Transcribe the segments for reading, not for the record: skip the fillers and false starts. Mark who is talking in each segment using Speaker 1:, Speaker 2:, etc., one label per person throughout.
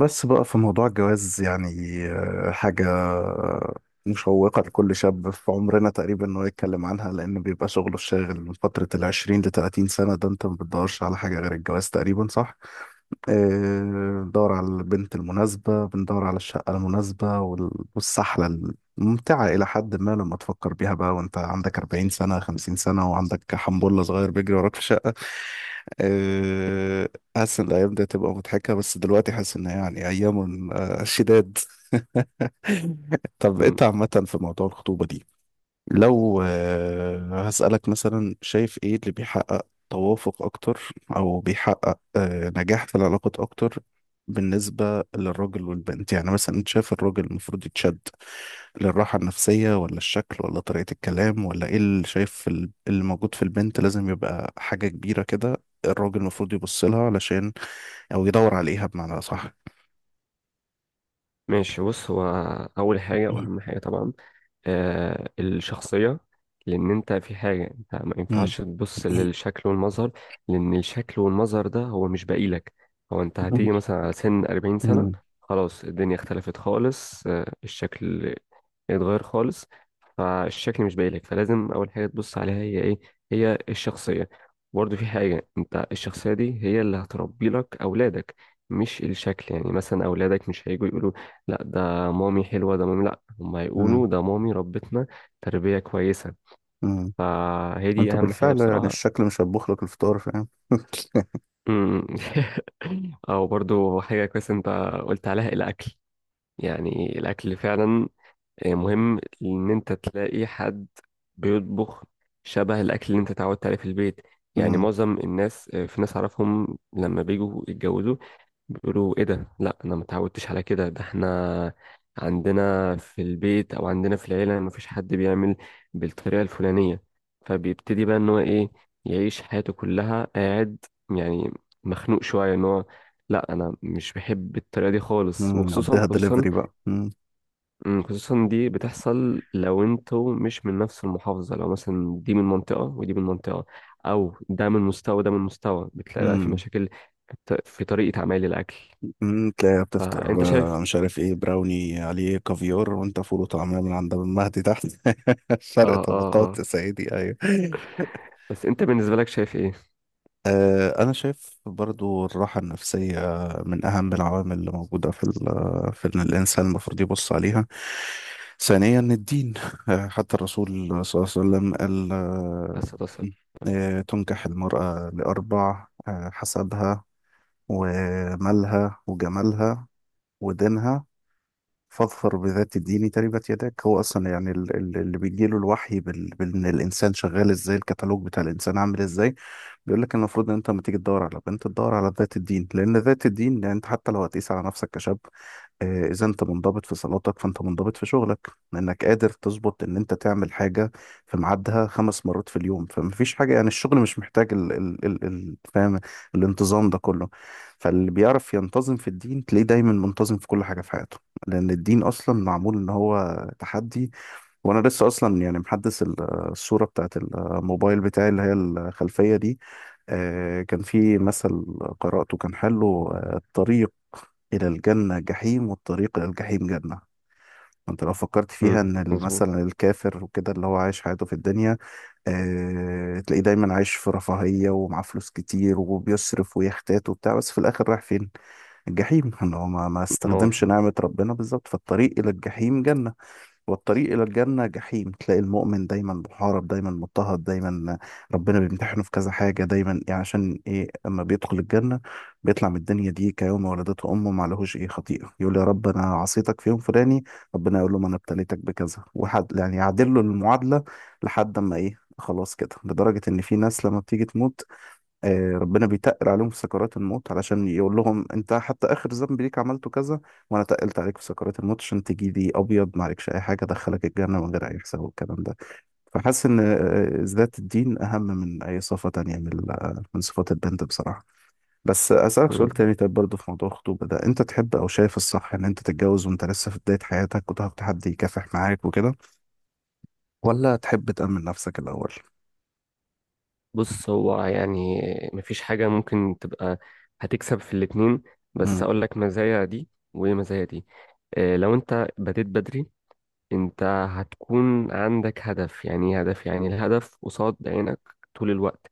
Speaker 1: بس بقى في موضوع الجواز يعني حاجة مشوقة لكل شاب في عمرنا تقريبا إنه يتكلم عنها، لأن بيبقى شغله الشاغل من فترة العشرين لتلاتين سنة. ده أنت ما بتدورش على حاجة غير الجواز تقريبا، صح؟ آه، بندور على البنت المناسبة، بندور على الشقة المناسبة، والسحلة الممتعة إلى حد ما لما تفكر بيها بقى وأنت عندك 40 سنة 50 سنة وعندك حنبلة صغير بيجري وراك في الشقة. آه، حاسس إن الأيام دي هتبقى مضحكة، بس دلوقتي حاسس إن هي يعني أيام شداد. طب
Speaker 2: مم.
Speaker 1: أنت عامة في موضوع الخطوبة دي، لو هسألك مثلا، شايف ايه اللي بيحقق توافق اكتر، او بيحقق نجاح في العلاقات اكتر بالنسبة للراجل والبنت؟ يعني مثلا انت شايف الراجل المفروض يتشد للراحة النفسية، ولا الشكل، ولا طريقة الكلام، ولا ايه اللي شايف في اللي موجود في البنت لازم يبقى حاجة كبيرة كده الراجل المفروض يبص لها علشان، او يدور عليها بمعنى صح؟
Speaker 2: ماشي بص هو أول حاجة وأهم حاجة طبعا الشخصية، لأن أنت في حاجة، أنت ما ينفعش تبص للشكل والمظهر، لأن الشكل والمظهر ده هو مش باقي لك. هو أنت هتيجي مثلا على سن 40 سنة، خلاص الدنيا اختلفت خالص. الشكل اتغير خالص، فالشكل مش باين لك، فلازم اول حاجه تبص عليها هي ايه؟ هي الشخصيه. برضه في حاجه، انت الشخصيه دي هي اللي هتربي لك اولادك، مش الشكل. يعني مثلا اولادك مش هيجوا يقولوا لا ده مامي حلوه، ده مامي، لا، هم هيقولوا ده مامي ربتنا تربيه كويسه. فهي دي
Speaker 1: انت
Speaker 2: اهم حاجه
Speaker 1: بالفعل يعني
Speaker 2: بصراحه.
Speaker 1: الشكل مش هيطبخ لك الفطار، فاهم؟
Speaker 2: أمم. او برضو حاجه كويسه، انت قلت عليها الاكل، يعني الاكل فعلا مهم ان انت تلاقي حد بيطبخ شبه الاكل اللي انت اتعودت عليه في البيت. يعني
Speaker 1: امم.
Speaker 2: معظم الناس، في ناس اعرفهم لما بيجوا يتجوزوا بيقولوا ايه ده، لا انا ما اتعودتش على كده، ده احنا عندنا في البيت او عندنا في العيله ما فيش حد بيعمل بالطريقه الفلانيه. فبيبتدي بقى ان هو ايه، يعيش حياته كلها قاعد يعني مخنوق شويه ان هو لا انا مش بحب الطريقه دي خالص.
Speaker 1: امم،
Speaker 2: وخصوصا
Speaker 1: عديها
Speaker 2: خصوصا
Speaker 1: دليفري بقى. امم.
Speaker 2: خصوصا دي بتحصل لو انتوا مش من نفس المحافظة، لو مثلا دي من منطقة ودي من منطقة، أو ده من مستوى وده من مستوى، بتلاقي بقى في
Speaker 1: امم.
Speaker 2: مشاكل في طريقة عمايل الأكل.
Speaker 1: تلاقيها بتفطر
Speaker 2: فأنت شايف.
Speaker 1: مش عارف ايه براوني عليه كافيار، وانت فول وطعميه من عند المهدي تحت. فرق
Speaker 2: اه اه
Speaker 1: طبقات
Speaker 2: اه.
Speaker 1: يا سيدي، ايوه.
Speaker 2: بس أنت بالنسبة لك شايف إيه؟
Speaker 1: أنا شايف برضو الراحة النفسية من أهم العوامل اللي موجودة في في إن الإنسان المفروض يبص عليها. ثانيا الدين، حتى الرسول صلى الله عليه وسلم قال
Speaker 2: بس تصل.
Speaker 1: تنكح المرأة لأربع، حسبها ومالها وجمالها ودينها، فاظفر بذات الدين تربت يداك. هو أصلا يعني اللي بيجيله الوحي بإن الإنسان شغال إزاي، الكتالوج بتاع الإنسان عامل إزاي، بيقول لك المفروض ان انت لما تيجي تدور على بنت تدور على ذات الدين. لان ذات الدين يعني انت حتى لو هتقيس على نفسك كشاب، اذا انت منضبط في صلاتك فانت منضبط في شغلك، لانك قادر تظبط ان انت تعمل حاجه في ميعادها خمس مرات في اليوم، فمفيش حاجه يعني الشغل مش محتاج ال ال ال ال فاهم؟ الانتظام ده كله، فاللي بيعرف ينتظم في الدين تلاقيه دايما منتظم في كل حاجه في حياته، لان الدين اصلا معمول ان هو تحدي. وانا لسه اصلا يعني محدث الصوره بتاعت الموبايل بتاعي اللي هي الخلفيه دي. كان في مثل قرأته كان حلو، الطريق إلى الجنة جحيم والطريق إلى الجحيم جنة. انت لو فكرت فيها
Speaker 2: أمم،
Speaker 1: ان
Speaker 2: مظبوط.
Speaker 1: مثلا الكافر وكده اللي هو عايش حياته في الدنيا، اه تلاقيه دايما عايش في رفاهية ومعاه فلوس كتير، وبيصرف ويحتاج وبتاع، بس في الاخر رايح فين؟ الجحيم. ان هو ما
Speaker 2: نار.
Speaker 1: استخدمش نعمة ربنا بالظبط. فالطريق الى الجحيم جنة، والطريق إلى الجنة جحيم. تلاقي المؤمن دايما محارب، دايما مضطهد، دايما ربنا بيمتحنه في كذا حاجة، دايما يعني عشان إيه؟ أما بيدخل الجنة بيطلع من الدنيا دي كيوم ولدته أمه، ما لهوش إيه خطيئة. يقول: يا رب أنا عصيتك في يوم فلاني، ربنا يقول له: ما أنا ابتليتك بكذا، وحد، يعني يعدل له المعادلة لحد أما إيه خلاص كده. لدرجة إن في ناس لما بتيجي تموت ربنا بيتقل عليهم في سكرات الموت علشان يقول لهم: انت حتى اخر ذنب ليك عملته كذا، وانا تقلت عليك في سكرات الموت عشان تجي لي ابيض ما عليكش اي حاجه، ادخلك الجنه من غير اي حساب، والكلام ده. فحاسس ان ذات الدين اهم من اي صفه تانية من من صفات البنت بصراحه. بس اسالك سؤال
Speaker 2: أمم.
Speaker 1: تاني، طيب برضه في موضوع الخطوبه ده، انت تحب او شايف الصح ان انت تتجوز وانت لسه في بدايه حياتك وتاخد حد يكافح معاك وكده؟ ولا تحب تامن نفسك الاول؟
Speaker 2: بص هو يعني مفيش حاجة ممكن تبقى، هتكسب في الاتنين، بس
Speaker 1: امم.
Speaker 2: أقول لك مزايا دي ومزايا دي. لو أنت بديت بدري، انت هتكون عندك هدف، يعني ايه هدف؟ يعني الهدف قصاد عينك طول الوقت.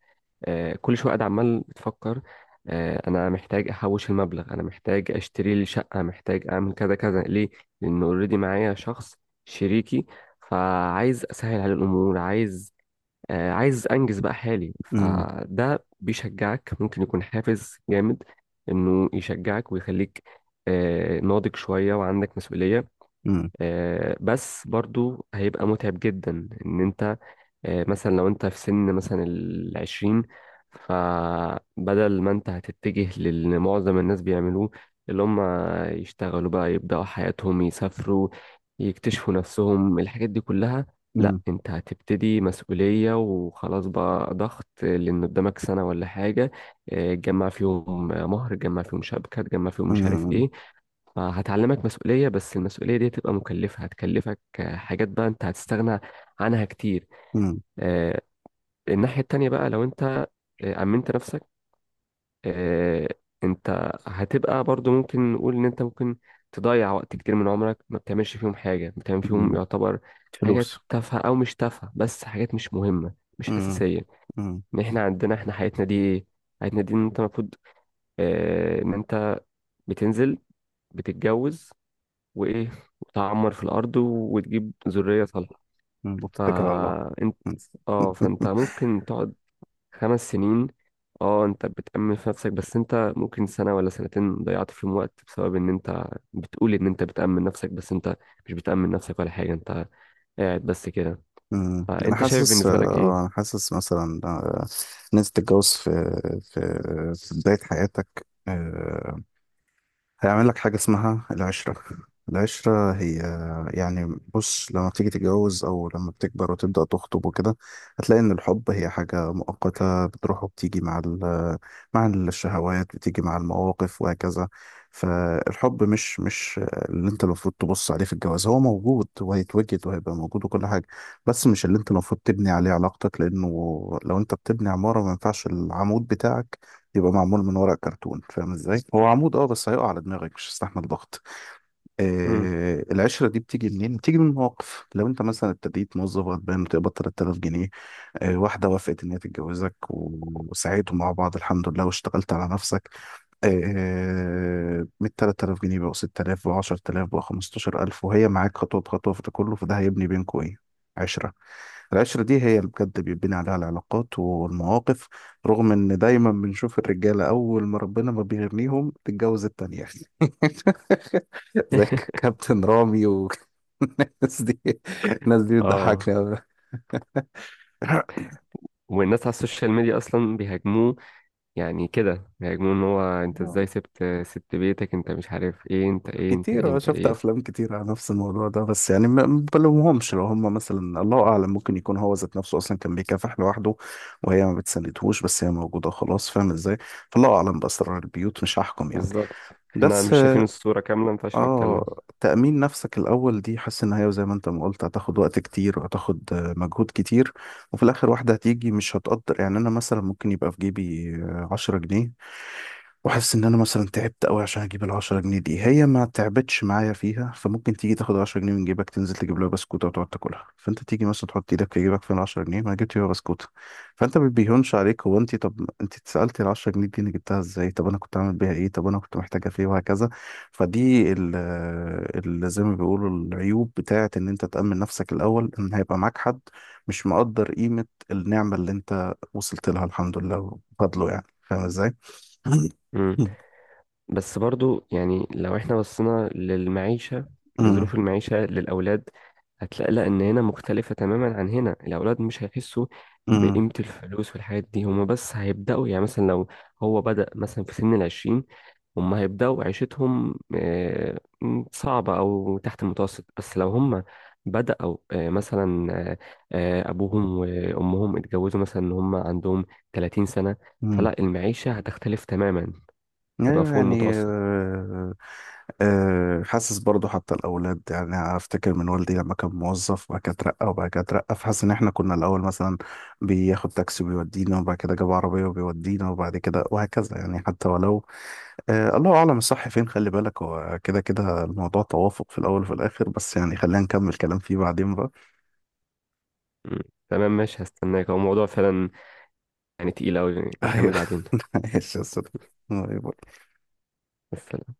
Speaker 2: كل شويه قاعد عمال بتفكر، انا محتاج احوش المبلغ، انا محتاج اشتري لي شقه، محتاج اعمل كذا كذا. ليه؟ لان اوريدي معايا شخص، شريكي، فعايز اسهل على الامور، عايز انجز بقى حالي.
Speaker 1: امم.
Speaker 2: فده بيشجعك، ممكن يكون حافز جامد انه يشجعك ويخليك ناضج شويه وعندك مسؤوليه. بس برضو هيبقى متعب جدا ان انت مثلا لو انت في سن مثلا العشرين، فبدل ما انت هتتجه للي معظم الناس بيعملوه، اللي هم يشتغلوا بقى، يبدأوا حياتهم، يسافروا، يكتشفوا نفسهم، الحاجات دي كلها. لا،
Speaker 1: امم.
Speaker 2: انت هتبتدي مسؤولية وخلاص، بقى ضغط، لان قدامك سنة ولا حاجة تجمع فيهم مهر، تجمع فيهم شبكة، تجمع فيهم مش عارف
Speaker 1: امم.
Speaker 2: ايه. فهتعلمك مسؤولية، بس المسؤولية دي هتبقى مكلفة، هتكلفك حاجات بقى انت هتستغنى عنها كتير. آه، الناحية التانية بقى، لو انت أمنت نفسك، آه، انت هتبقى برضو، ممكن نقول ان انت ممكن تضيع وقت كتير من عمرك ما بتعملش فيهم حاجة، بتعمل فيهم
Speaker 1: امم،
Speaker 2: يعتبر حاجات
Speaker 1: فلوس.
Speaker 2: تافهة أو مش تافهة، بس حاجات مش مهمة مش
Speaker 1: امم.
Speaker 2: أساسية.
Speaker 1: امم.
Speaker 2: ان احنا عندنا، احنا حياتنا دي ايه؟ حياتنا دي ان انت المفروض ان انت بتنزل، بتتجوز، وايه، وتعمر في الارض وتجيب ذريه صالحه.
Speaker 1: وبتتكل على الله.
Speaker 2: فانت
Speaker 1: مم.
Speaker 2: اه فانت ممكن تقعد خمس سنين. اه انت بتأمن في نفسك، بس انت ممكن سنه ولا سنتين ضيعت فيهم وقت بسبب ان انت بتقول ان انت بتأمن نفسك، بس انت مش بتأمن نفسك ولا حاجه، انت قاعد بس كده.
Speaker 1: مم. انا
Speaker 2: فانت شايف
Speaker 1: حاسس
Speaker 2: بالنسبه لك
Speaker 1: انا
Speaker 2: ايه؟
Speaker 1: حاسس مثلا ان انت تتجوز في في بدايه حياتك هيعمل لك حاجة اسمها العشرة. العشرة هي، يعني بص لما بتيجي تتجوز أو لما بتكبر وتبدأ تخطب وكده، هتلاقي إن الحب هي حاجة مؤقتة، بتروح وبتيجي مع مع الشهوات، بتيجي مع المواقف وهكذا. فالحب مش اللي أنت المفروض تبص عليه في الجواز، هو موجود وهيتوجد وهيبقى موجود وكل حاجة، بس مش اللي أنت المفروض تبني عليه علاقتك. لأنه لو أنت بتبني عمارة ما ينفعش العمود بتاعك يبقى معمول من ورق كرتون، فاهم ازاي؟ هو عمود اه، بس هيقع على دماغك مش هيستحمل ضغط.
Speaker 2: مم.
Speaker 1: العشرة دي بتيجي منين؟ بتيجي من مواقف، لو انت مثلا ابتديت موظف غلبان بتقبض 3000 جنيه، واحدة وافقت ان هي تتجوزك، وسعيتوا مع بعض الحمد لله واشتغلت على نفسك من 3000 جنيه بقوا 6000 بقوا 10,000 بقوا 15,000، وهي معاك خطوة بخطوة في ده كله. فده هيبني بينكوا ايه؟ عشرة. العشرة دي هي اللي بجد بيبني عليها العلاقات والمواقف. رغم ان دايما بنشوف الرجالة اول ما ربنا ما بيغنيهم تتجوز التانية. زي كابتن رامي والناس دي. الناس دي
Speaker 2: اه،
Speaker 1: بتضحكني أوي
Speaker 2: والناس على السوشيال ميديا اصلا بيهاجموه، يعني كده بيهاجموه ان هو انت ازاي سبت بيتك، انت مش عارف ايه، انت ايه، انت ايه،
Speaker 1: كتير.
Speaker 2: انت
Speaker 1: شفت
Speaker 2: ايه.
Speaker 1: أفلام كتير على نفس الموضوع ده، بس يعني ما بلومهمش، لو هم مثلا الله أعلم ممكن يكون هو ذات نفسه أصلا كان بيكافح لوحده وهي ما بتساندهوش، بس هي موجودة خلاص، فاهم إزاي؟ فالله أعلم بأسرار البيوت، مش هحكم يعني.
Speaker 2: بالظبط، احنا
Speaker 1: بس
Speaker 2: مش شايفين الصورة كاملة، ما ينفعش نتكلم.
Speaker 1: اه، تأمين نفسك الأول دي حاسس إن هي زي ما أنت ما قلت هتاخد وقت كتير، وهتاخد مجهود كتير، وفي الآخر واحدة هتيجي مش هتقدر. يعني أنا مثلا ممكن يبقى في جيبي عشرة جنيه، وحاسس ان انا مثلا تعبت قوي عشان اجيب العشرة جنيه دي، هي ما تعبتش معايا فيها، فممكن تيجي تاخد عشرة جنيه من جيبك تنزل تجيب لها بسكوتة وتقعد تاكلها، فانت تيجي مثلا تحط ايدك في جيبك، فين العشرة جنيه؟ ما أنا جبت بيها بسكوتة. فانت ما بيهونش عليك هو. انت طب انت اتسألتي العشرة جنيه دي انا جبتها ازاي، طب انا كنت عامل بيها ايه، طب انا كنت محتاجة في ايه، وهكذا. فدي زي ما بيقولوا العيوب بتاعة ان انت تأمن نفسك الاول، ان هيبقى معاك حد مش مقدر قيمة النعمة اللي انت وصلت لها الحمد لله وفضله، يعني فاهم ازاي؟ أمم.
Speaker 2: مم. بس برضو يعني لو احنا بصينا للمعيشة، لظروف المعيشة للأولاد، هتلاقي لا، إن هنا مختلفة تماما عن هنا، الأولاد مش هيحسوا
Speaker 1: أمم.
Speaker 2: بقيمة الفلوس والحاجات دي. هما بس هيبدأوا، يعني مثلا لو هو بدأ مثلا في سن العشرين، هما هيبدأوا عيشتهم صعبة أو تحت المتوسط. بس لو هما بدأوا آه، مثلا آه، آه، أبوهم وأمهم اتجوزوا مثلا إن هما عندهم 30 سنة،
Speaker 1: أمم.
Speaker 2: فلا المعيشة هتختلف تماما، هتبقى
Speaker 1: أيوة.
Speaker 2: فوق
Speaker 1: يعني
Speaker 2: المتوسط.
Speaker 1: حاسس برضو حتى الأولاد، يعني أفتكر من والدي لما كان موظف وبعد كده اترقى وبعد كده اترقى، فحاسس إن إحنا كنا الأول مثلا بياخد تاكسي وبيودينا، وبعد كده جاب عربية وبيودينا، وبعد كده وهكذا. يعني حتى ولو الله أعلم الصح فين. خلي بالك هو كده كده الموضوع توافق في الأول وفي الآخر، بس يعني خلينا نكمل كلام فيه بعدين بقى.
Speaker 2: مم. تمام ماشي، هستناك. هو الموضوع فعلا يعني تقيل أوي، نكمل
Speaker 1: أيوه.
Speaker 2: بعدين.
Speaker 1: ماشي يا أستاذ. باي باي.
Speaker 2: بس